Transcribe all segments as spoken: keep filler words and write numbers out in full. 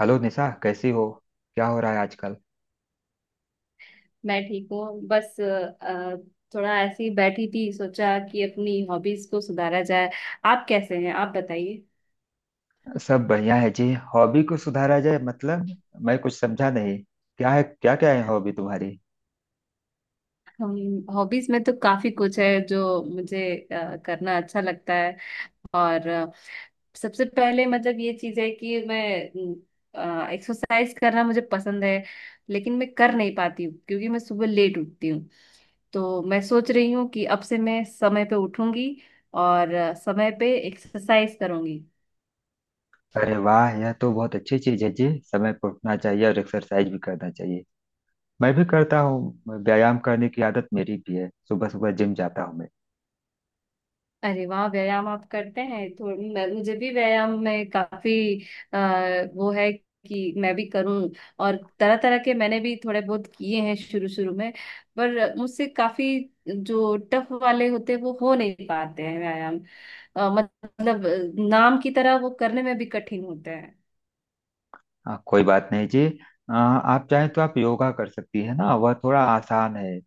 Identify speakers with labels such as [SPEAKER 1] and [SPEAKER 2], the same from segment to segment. [SPEAKER 1] Hello Nisha कैसी हो। क्या हो रहा है आजकल।
[SPEAKER 2] मैं ठीक हूँ। बस अ, थोड़ा ऐसे ही बैठी थी, सोचा कि अपनी हॉबीज को सुधारा जाए। आप कैसे हैं, आप बताइए।
[SPEAKER 1] सब बढ़िया है जी। हॉबी को सुधारा जाए मतलब, मैं कुछ समझा नहीं। क्या है, क्या क्या है हॉबी तुम्हारी।
[SPEAKER 2] हम, हॉबीज में तो काफी कुछ है जो मुझे अ, करना अच्छा लगता है। और अ, सबसे पहले मतलब ये चीज है कि मैं एक्सरसाइज करना मुझे पसंद है, लेकिन मैं कर नहीं पाती हूँ क्योंकि मैं सुबह लेट उठती हूँ। तो मैं सोच रही हूँ कि अब से मैं समय पे उठूंगी और अ, समय पे एक्सरसाइज करूंगी।
[SPEAKER 1] अरे वाह, यह तो बहुत अच्छी चीज है जी, समय पर उठना चाहिए और एक्सरसाइज भी करना चाहिए। मैं भी करता हूँ, व्यायाम करने की आदत मेरी भी है, सुबह सुबह जिम जाता हूँ मैं।
[SPEAKER 2] अरे वाह, व्यायाम आप करते हैं तो मैं, मुझे भी व्यायाम में काफी आ, वो है कि मैं भी करूं। और तरह तरह के मैंने भी थोड़े बहुत किए हैं शुरू शुरू में, पर मुझसे काफी जो टफ वाले होते हैं वो हो नहीं पाते हैं व्यायाम। अ, मतलब नाम की तरह वो करने में भी कठिन होते हैं।
[SPEAKER 1] आ, कोई बात नहीं जी। आ, आप चाहें तो आप योगा कर सकती है ना, वह थोड़ा आसान है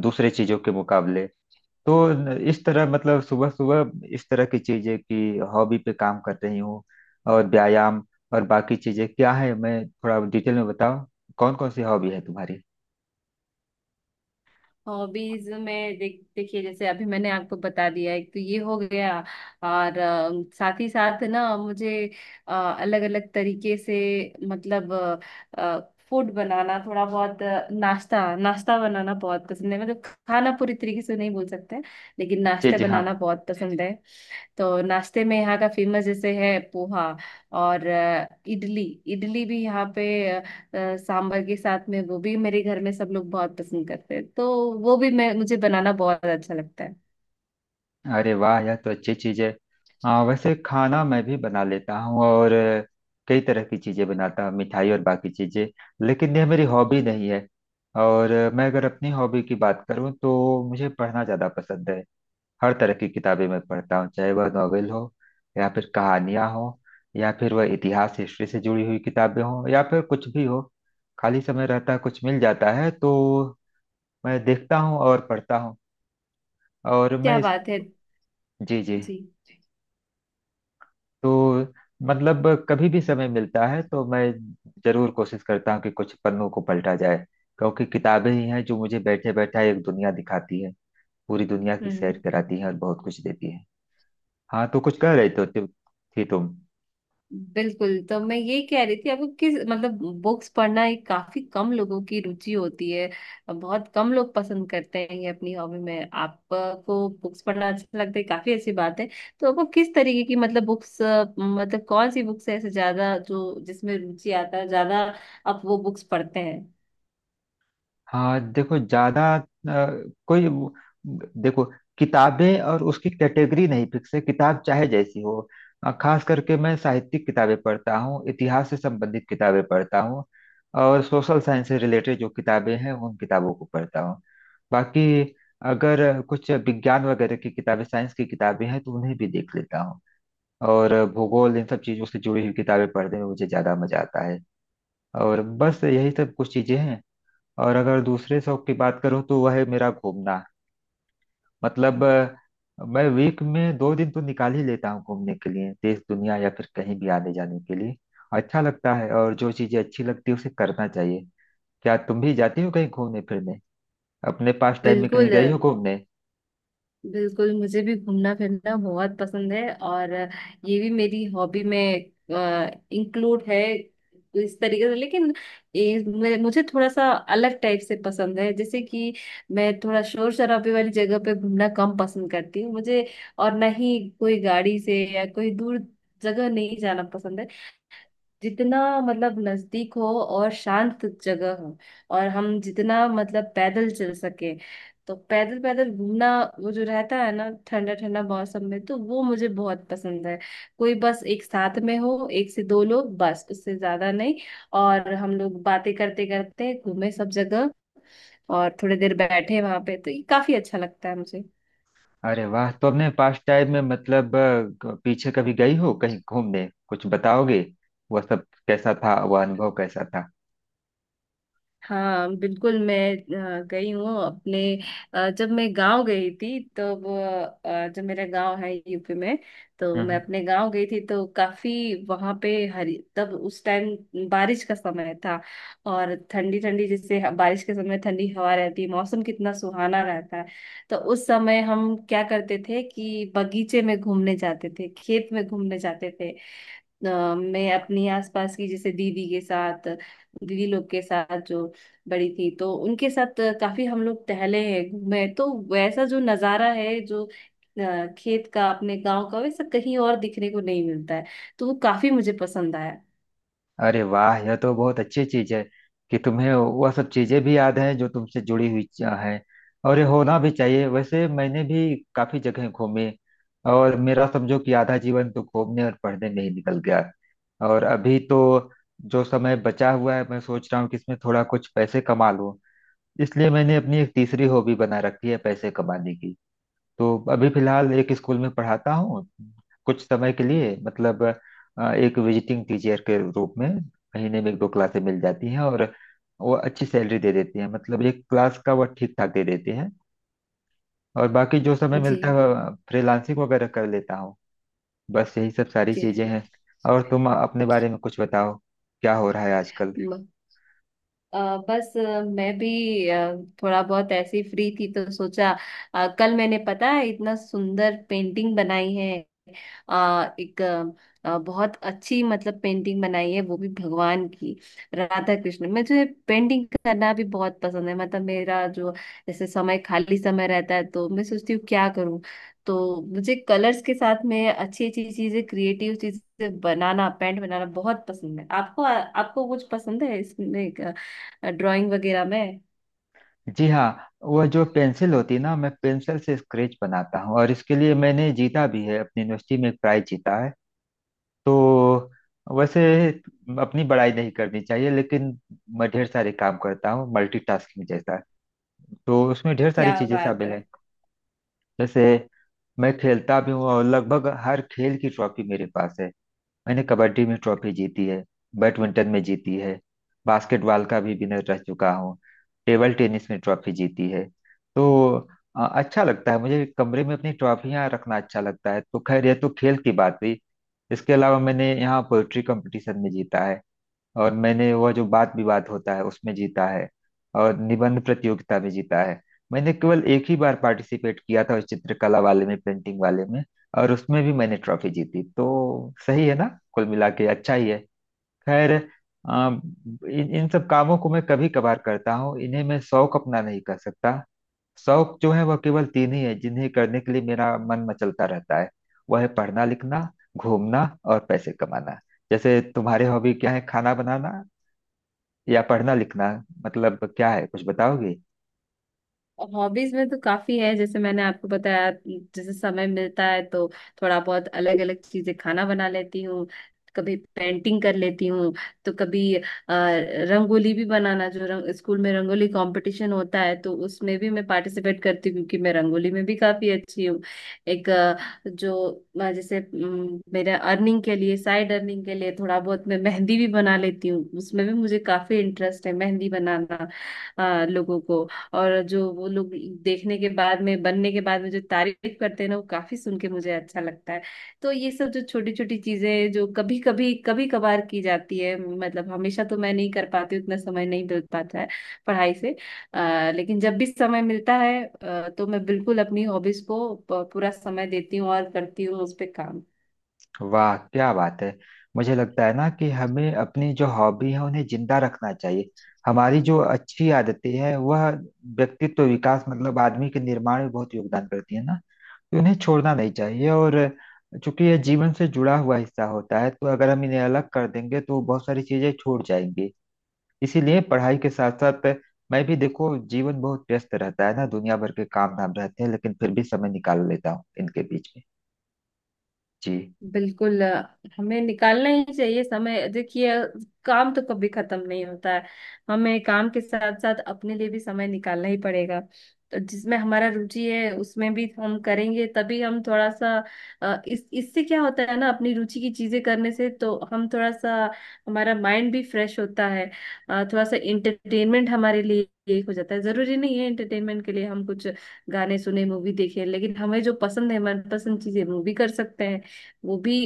[SPEAKER 1] दूसरे चीजों के मुकाबले। तो इस तरह मतलब सुबह सुबह इस तरह की चीजें कि हॉबी पे काम कर रही हूँ और व्यायाम और बाकी चीजें क्या है, मैं थोड़ा डिटेल में बताओ। कौन कौन सी हॉबी है तुम्हारी।
[SPEAKER 2] हॉबीज में देख देखिए, जैसे अभी मैंने आपको बता दिया, एक तो ये हो गया। और अ, साथ ही साथ ना मुझे अलग अलग तरीके से मतलब फूड बनाना थोड़ा बहुत अ, नाश्ता नाश्ता बनाना बहुत पसंद है। मतलब खाना पूरी तरीके से नहीं बोल सकते, लेकिन
[SPEAKER 1] जी
[SPEAKER 2] नाश्ता
[SPEAKER 1] जी हाँ।
[SPEAKER 2] बनाना बहुत पसंद है। तो नाश्ते में यहाँ का फेमस जैसे है पोहा और अ, इडली। इडली भी यहाँ पे अ, सांभर के साथ में, वो भी मेरे घर में सब लोग बहुत पसंद करते हैं, तो वो भी मैं मुझे बनाना बहुत अच्छा लगता है।
[SPEAKER 1] अरे वाह, यह तो अच्छी चीज है। हाँ वैसे खाना मैं भी बना लेता हूँ, और अ, कई तरह की चीजें बनाता हूँ, मिठाई और बाकी चीजें। लेकिन यह मेरी हॉबी नहीं है। और अ, मैं अगर अपनी हॉबी की बात करूँ तो मुझे पढ़ना ज्यादा पसंद है। हर तरह की किताबें मैं पढ़ता हूँ, चाहे वह नॉवेल हो या फिर कहानियां हो या फिर वह इतिहास, हिस्ट्री से जुड़ी हुई किताबें हों, या फिर कुछ भी हो। खाली समय रहता है, कुछ मिल जाता है तो मैं देखता हूँ और पढ़ता हूँ। और मैं
[SPEAKER 2] क्या
[SPEAKER 1] इस।
[SPEAKER 2] बात है।
[SPEAKER 1] जी जी।
[SPEAKER 2] जी।
[SPEAKER 1] तो मतलब कभी भी समय मिलता है तो मैं जरूर कोशिश करता हूँ कि कुछ पन्नों को पलटा जाए, क्योंकि किताबें ही हैं जो मुझे बैठे बैठा एक दुनिया दिखाती है, पूरी दुनिया की सैर
[SPEAKER 2] हम्म।
[SPEAKER 1] कराती है और बहुत कुछ देती है। हाँ तो कुछ कह रही तो थी तुम।
[SPEAKER 2] बिल्कुल। तो मैं ये कह रही थी आपको, किस मतलब बुक्स पढ़ना एक काफी कम लोगों की रुचि होती है। बहुत कम लोग पसंद करते हैं ये, अपनी हॉबी में आपको बुक्स पढ़ना अच्छा लगता है, काफी अच्छी बात है। तो आपको किस तरीके की मतलब बुक्स, मतलब कौन सी बुक्स है ऐसे ज्यादा जो, जिसमें रुचि आता है ज्यादा आप वो बुक्स पढ़ते हैं।
[SPEAKER 1] हाँ देखो, ज्यादा अ, कोई वो- देखो, किताबें और उसकी कैटेगरी नहीं फिक्स है, किताब चाहे जैसी हो। अ, खास करके मैं साहित्यिक किताबें पढ़ता हूँ, इतिहास से संबंधित किताबें पढ़ता हूँ, और सोशल साइंस से रिलेटेड जो किताबें हैं उन किताबों को पढ़ता हूँ। बाकी अगर कुछ विज्ञान वगैरह की किताबें, साइंस की किताबें हैं तो उन्हें भी देख लेता हूँ। और भूगोल, इन सब चीजों से जुड़ी हुई किताबें पढ़ने में मुझे ज्यादा मजा आता है। और बस यही सब कुछ चीजें हैं। और अगर दूसरे शौक की बात करूँ तो वह है मेरा घूमना। मतलब अ, मैं वीक में दो दिन तो निकाल ही लेता हूँ घूमने के लिए, देश दुनिया या फिर कहीं भी आने जाने के लिए। अच्छा लगता है, और जो चीजें अच्छी लगती है उसे करना चाहिए। क्या तुम भी जाती हो कहीं घूमने फिरने, अपने पास टाइम में कहीं
[SPEAKER 2] बिल्कुल,
[SPEAKER 1] गई हो घूमने।
[SPEAKER 2] बिल्कुल मुझे भी घूमना फिरना बहुत पसंद है, और ये भी मेरी हॉबी में इंक्लूड है इस तरीके से। लेकिन ये मे- मुझे थोड़ा सा अलग टाइप से पसंद है। जैसे कि मैं थोड़ा शोर शराबे वाली जगह पे घूमना कम पसंद करती हूँ मुझे, और ना ही कोई गाड़ी से या कोई दूर जगह नहीं जाना पसंद है। जितना मतलब नजदीक हो और शांत जगह हो और हम जितना मतलब पैदल चल सके, तो पैदल पैदल घूमना, वो जो रहता है ना ठंडा ठंडा मौसम में, तो वो मुझे बहुत पसंद है। कोई बस एक साथ में हो, एक से दो लोग, बस उससे ज्यादा नहीं। और हम लोग बातें करते करते घूमे सब जगह, और थोड़ी देर बैठे वहां पे, तो ये काफी अच्छा लगता है।
[SPEAKER 1] अरे वाह, तो अपने पास टाइम में मतलब अ, ग- पीछे कभी गई हो कहीं घूमने, कुछ बताओगे। वह सब कैसा था, वह अनुभव कैसा था।
[SPEAKER 2] हाँ बिल्कुल, मैं अ, गई हूँ अपने अ, जब मैं गांव गई थी तब। अ, जो मेरा गांव है यूपी में, तो मैं
[SPEAKER 1] हम्म।
[SPEAKER 2] अपने गांव गई थी तो काफी वहां पे हरी, तब उस टाइम बारिश का समय था। और ठंडी ठंडी जैसे ह- बारिश के समय ठंडी हवा रहती है, मौसम कितना सुहाना रहता है। तो उस समय हम क्या करते थे कि बगीचे में घूमने जाते थे, खेत में घूमने जाते थे। अ, मैं अपनी आसपास की जैसे दीदी के साथ, दीदी लोग के साथ जो बड़ी थी, तो उनके साथ काफी हम लोग टहले हैं, घूमे हैं। तो वैसा जो नजारा है जो अ, खेत का, अपने गांव का, वैसा कहीं और दिखने को नहीं मिलता है, तो वो काफी मुझे पसंद आया।
[SPEAKER 1] अरे वाह, यह तो बहुत अच्छी चीज है कि तुम्हें वह सब चीजें भी याद हैं जो तुमसे जुड़ी हुई च- हैं। और ये होना भी चाहिए। वैसे मैंने भी काफी जगह घूमी, और मेरा समझो कि आधा जीवन तो घूमने और पढ़ने में ही निकल गया। और अभी तो जो समय बचा हुआ है, मैं सोच रहा हूँ कि इसमें थोड़ा कुछ पैसे कमा लूं, इसलिए मैंने अपनी एक तीसरी हॉबी बना रखी है पैसे कमाने की। तो अभी फिलहाल एक स्कूल में पढ़ाता हूँ, कुछ समय के लिए मतलब अ, एक विजिटिंग टीचर के रूप में। महीने में एक दो क्लासें मिल जाती हैं और वो अच्छी सैलरी दे देती है, मतलब एक क्लास का वो ठीक ठाक दे देते हैं। और बाकी जो समय
[SPEAKER 2] जी।
[SPEAKER 1] मिलता है फ्रीलांसिंग वगैरह कर लेता हूँ। बस यही सब सारी
[SPEAKER 2] के-
[SPEAKER 1] चीजें हैं। और तुम अपने बारे में कुछ बताओ, क्या हो रहा है आजकल।
[SPEAKER 2] म- अ, बस अ, मैं भी अ, थोड़ा बहुत ऐसे ही फ्री थी, तो सोचा अ, कल मैंने, पता है, इतना सुंदर पेंटिंग बनाई है। आ, एक आ, बहुत अच्छी मतलब पेंटिंग बनाई है, वो भी भगवान की, राधा कृष्ण। मुझे पेंटिंग करना भी बहुत पसंद है। मतलब मेरा जो जैसे समय खाली समय रहता है, तो मैं सोचती हूँ क्या करूँ, तो मुझे कलर्स के साथ में अच्छी अच्छी चीजें, क्रिएटिव चीजें बनाना, पेंट बनाना बहुत पसंद है। आपको, आपको कुछ पसंद है इसमें, ड्राइंग वगैरह में?
[SPEAKER 1] जी हाँ। वह जो पेंसिल होती है ना, मैं पेंसिल से स्केच बनाता हूँ, और इसके लिए मैंने जीता भी है, अपनी यूनिवर्सिटी में एक प्राइज जीता है। तो वैसे अपनी बड़ाई नहीं करनी चाहिए लेकिन मैं ढेर सारे काम करता हूँ, मल्टीटास्किंग जैसा। तो उसमें ढेर सारी
[SPEAKER 2] क्या
[SPEAKER 1] चीजें
[SPEAKER 2] बात
[SPEAKER 1] शामिल
[SPEAKER 2] है।
[SPEAKER 1] हैं। जैसे मैं खेलता भी हूँ, और लगभग हर खेल की ट्रॉफी मेरे पास है। मैंने कबड्डी में ट्रॉफी जीती है, बैडमिंटन में जीती है, बास्केटबॉल का भी विनर रह चुका हूँ, टेबल टेनिस में ट्रॉफी जीती है। तो अ, अच्छा लगता है मुझे, कमरे में अपनी ट्रॉफियाँ रखना अच्छा लगता है। तो खैर यह तो खेल की बात हुई। इसके अलावा मैंने यहाँ पोएट्री कंपटीशन में जीता है, और मैंने वह जो वाद विवाद होता है उसमें जीता है, और निबंध प्रतियोगिता में जीता है। मैंने केवल एक ही बार पार्टिसिपेट किया था उस चित्रकला वाले में, पेंटिंग वाले में, और उसमें भी मैंने ट्रॉफी जीती, तो सही है ना, कुल मिला के अच्छा ही है। खैर, आ, इन इन सब कामों को मैं कभी कभार करता हूँ, इन्हें मैं शौक अपना नहीं कर सकता। शौक जो है वह केवल तीन ही है जिन्हें करने के लिए मेरा मन मचलता रहता है। वह है पढ़ना लिखना, घूमना, और पैसे कमाना। जैसे तुम्हारे हॉबी क्या है, खाना बनाना या पढ़ना लिखना, मतलब क्या है कुछ बताओगी।
[SPEAKER 2] हॉबीज में तो काफी है, जैसे मैंने आपको बताया, जैसे समय मिलता है तो थोड़ा बहुत अलग अलग चीजें खाना बना लेती हूँ, कभी पेंटिंग कर लेती हूँ, तो कभी अ, रंगोली भी बनाना। जो रंग, स्कूल में रंगोली कंपटीशन होता है, तो उसमें भी मैं पार्टिसिपेट करती हूँ क्योंकि मैं रंगोली में भी काफी अच्छी हूँ। एक अ, जो अ, जैसे अम, मेरे अर्निंग के लिए, साइड अर्निंग के लिए, थोड़ा बहुत मैं मेहंदी भी बना लेती हूँ। उसमें भी मुझे काफी इंटरेस्ट है, मेहंदी बनाना अ, लोगों को। और जो वो लोग देखने के बाद में, बनने के बाद में जो तारीफ करते हैं ना, वो काफी सुन के मुझे अच्छा लगता है। तो ये सब जो छोटी छोटी चीजें जो कभी कभी, कभी कभार की जाती है, मतलब हमेशा तो मैं नहीं कर पाती हूँ, उतना समय नहीं मिल पाता है पढ़ाई से। अ, लेकिन जब भी समय मिलता है अ, तो मैं बिल्कुल अपनी हॉबीज को प- पूरा समय देती हूँ और करती हूँ उस पे काम।
[SPEAKER 1] वाह क्या बात है। मुझे लगता है ना कि हमें अपनी जो हॉबी है उन्हें जिंदा रखना चाहिए। हमारी जो अच्छी आदतें हैं वह व्यक्तित्व विकास मतलब आदमी के निर्माण में बहुत योगदान करती है ना। तो इन्हें छोड़ना नहीं चाहिए, और चूंकि यह जीवन से जुड़ा हुआ हिस्सा होता है तो अगर हम इन्हें अलग कर देंगे तो बहुत सारी चीजें छूट जाएंगी। इसीलिए पढ़ाई के साथ साथ, मैं भी देखो जीवन बहुत व्यस्त रहता है ना, दुनिया भर के काम धाम रहते हैं, लेकिन फिर भी समय निकाल लेता हूँ इनके बीच में। जी
[SPEAKER 2] बिल्कुल, अ, हमें निकालना ही चाहिए समय। देखिए, काम तो कभी खत्म नहीं होता है। हमें काम के साथ साथ अपने लिए भी समय निकालना ही पड़ेगा। तो जिसमें हमारा रुचि है उसमें भी हम करेंगे, तभी हम थोड़ा सा अ, इस इससे क्या होता है ना, अपनी रुचि की चीजें करने से तो हम थोड़ा सा, हमारा माइंड भी फ्रेश होता है। अ, थोड़ा सा इंटरटेनमेंट हमारे लिए एक हो जाता है। जरूरी नहीं है इंटरटेनमेंट के लिए हम कुछ गाने सुने, मूवी देखे, लेकिन हमें जो पसंद है, मनपसंद चीजें, मूवी कर सकते हैं वो भी,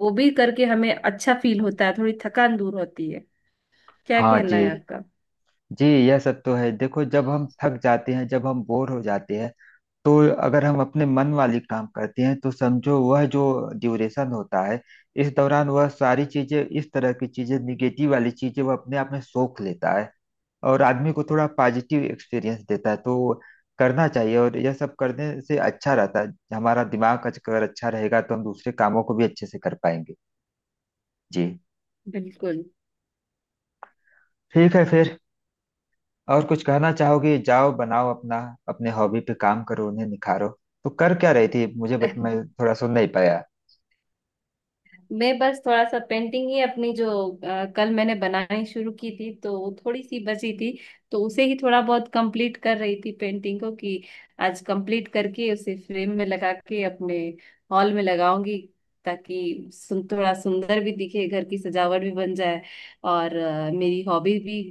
[SPEAKER 2] वो भी करके हमें अच्छा फील होता है, थोड़ी थकान दूर होती है। क्या
[SPEAKER 1] हाँ।
[SPEAKER 2] कहना
[SPEAKER 1] जी
[SPEAKER 2] है आपका?
[SPEAKER 1] जी, यह सब तो है। देखो जब हम थक जाते हैं, जब हम बोर हो जाते हैं, तो अगर हम अपने मन वाली काम करते हैं तो समझो वह जो ड्यूरेशन होता है, इस दौरान वह सारी चीजें, इस तरह की चीजें, निगेटिव वाली चीजें वह अपने आप में सोख लेता है, और आदमी को थोड़ा पॉजिटिव एक्सपीरियंस देता है। तो करना चाहिए, और यह सब करने से अच्छा रहता है हमारा दिमाग, अगर अच्छा रहेगा तो हम दूसरे कामों को भी अच्छे से कर पाएंगे। जी।
[SPEAKER 2] बिल्कुल।
[SPEAKER 1] ठीक है फिर, और कुछ कहना चाहोगे, जाओ बनाओ अपना, अपने हॉबी पे काम करो, उन्हें निखारो। तो कर क्या रही थी मुझे बत, मैं थोड़ा सुन नहीं पाया।
[SPEAKER 2] मैं बस थोड़ा सा पेंटिंग ही, अपनी जो अ, कल मैंने बनानी शुरू की थी, तो वो थोड़ी सी बची थी, तो उसे ही थोड़ा बहुत कंप्लीट कर रही थी, पेंटिंग को कि आज कंप्लीट करके उसे फ्रेम में लगा के अपने हॉल में लगाऊंगी, ताकि सुन थोड़ा सुंदर भी दिखे, घर की सजावट भी बन जाए, और अ, मेरी हॉबी भी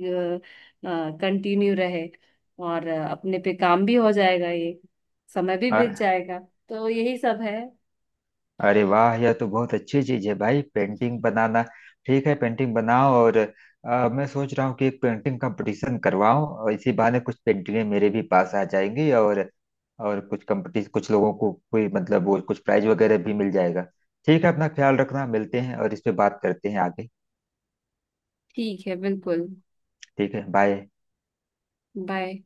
[SPEAKER 2] कंटिन्यू रहे, और अ, अपने पे काम भी हो जाएगा, ये समय भी बीत
[SPEAKER 1] हाँ,
[SPEAKER 2] जाएगा। तो यही सब है।
[SPEAKER 1] अरे वाह यह तो बहुत अच्छी चीज है भाई, पेंटिंग बनाना। ठीक है, पेंटिंग बनाओ, और अ, मैं सोच रहा हूँ कि एक पेंटिंग कंपटीशन करवाऊं, और इसी बहाने कुछ पेंटिंगें मेरे भी पास आ जाएंगी, और और कुछ कंपटीशन, कुछ लोगों को कोई मतलब वो कुछ प्राइज वगैरह भी मिल जाएगा। ठीक है, अपना ख्याल रखना, मिलते हैं और इस पे बात करते हैं आगे।
[SPEAKER 2] ठीक है, बिल्कुल।
[SPEAKER 1] ठीक है, बाय।
[SPEAKER 2] बाय।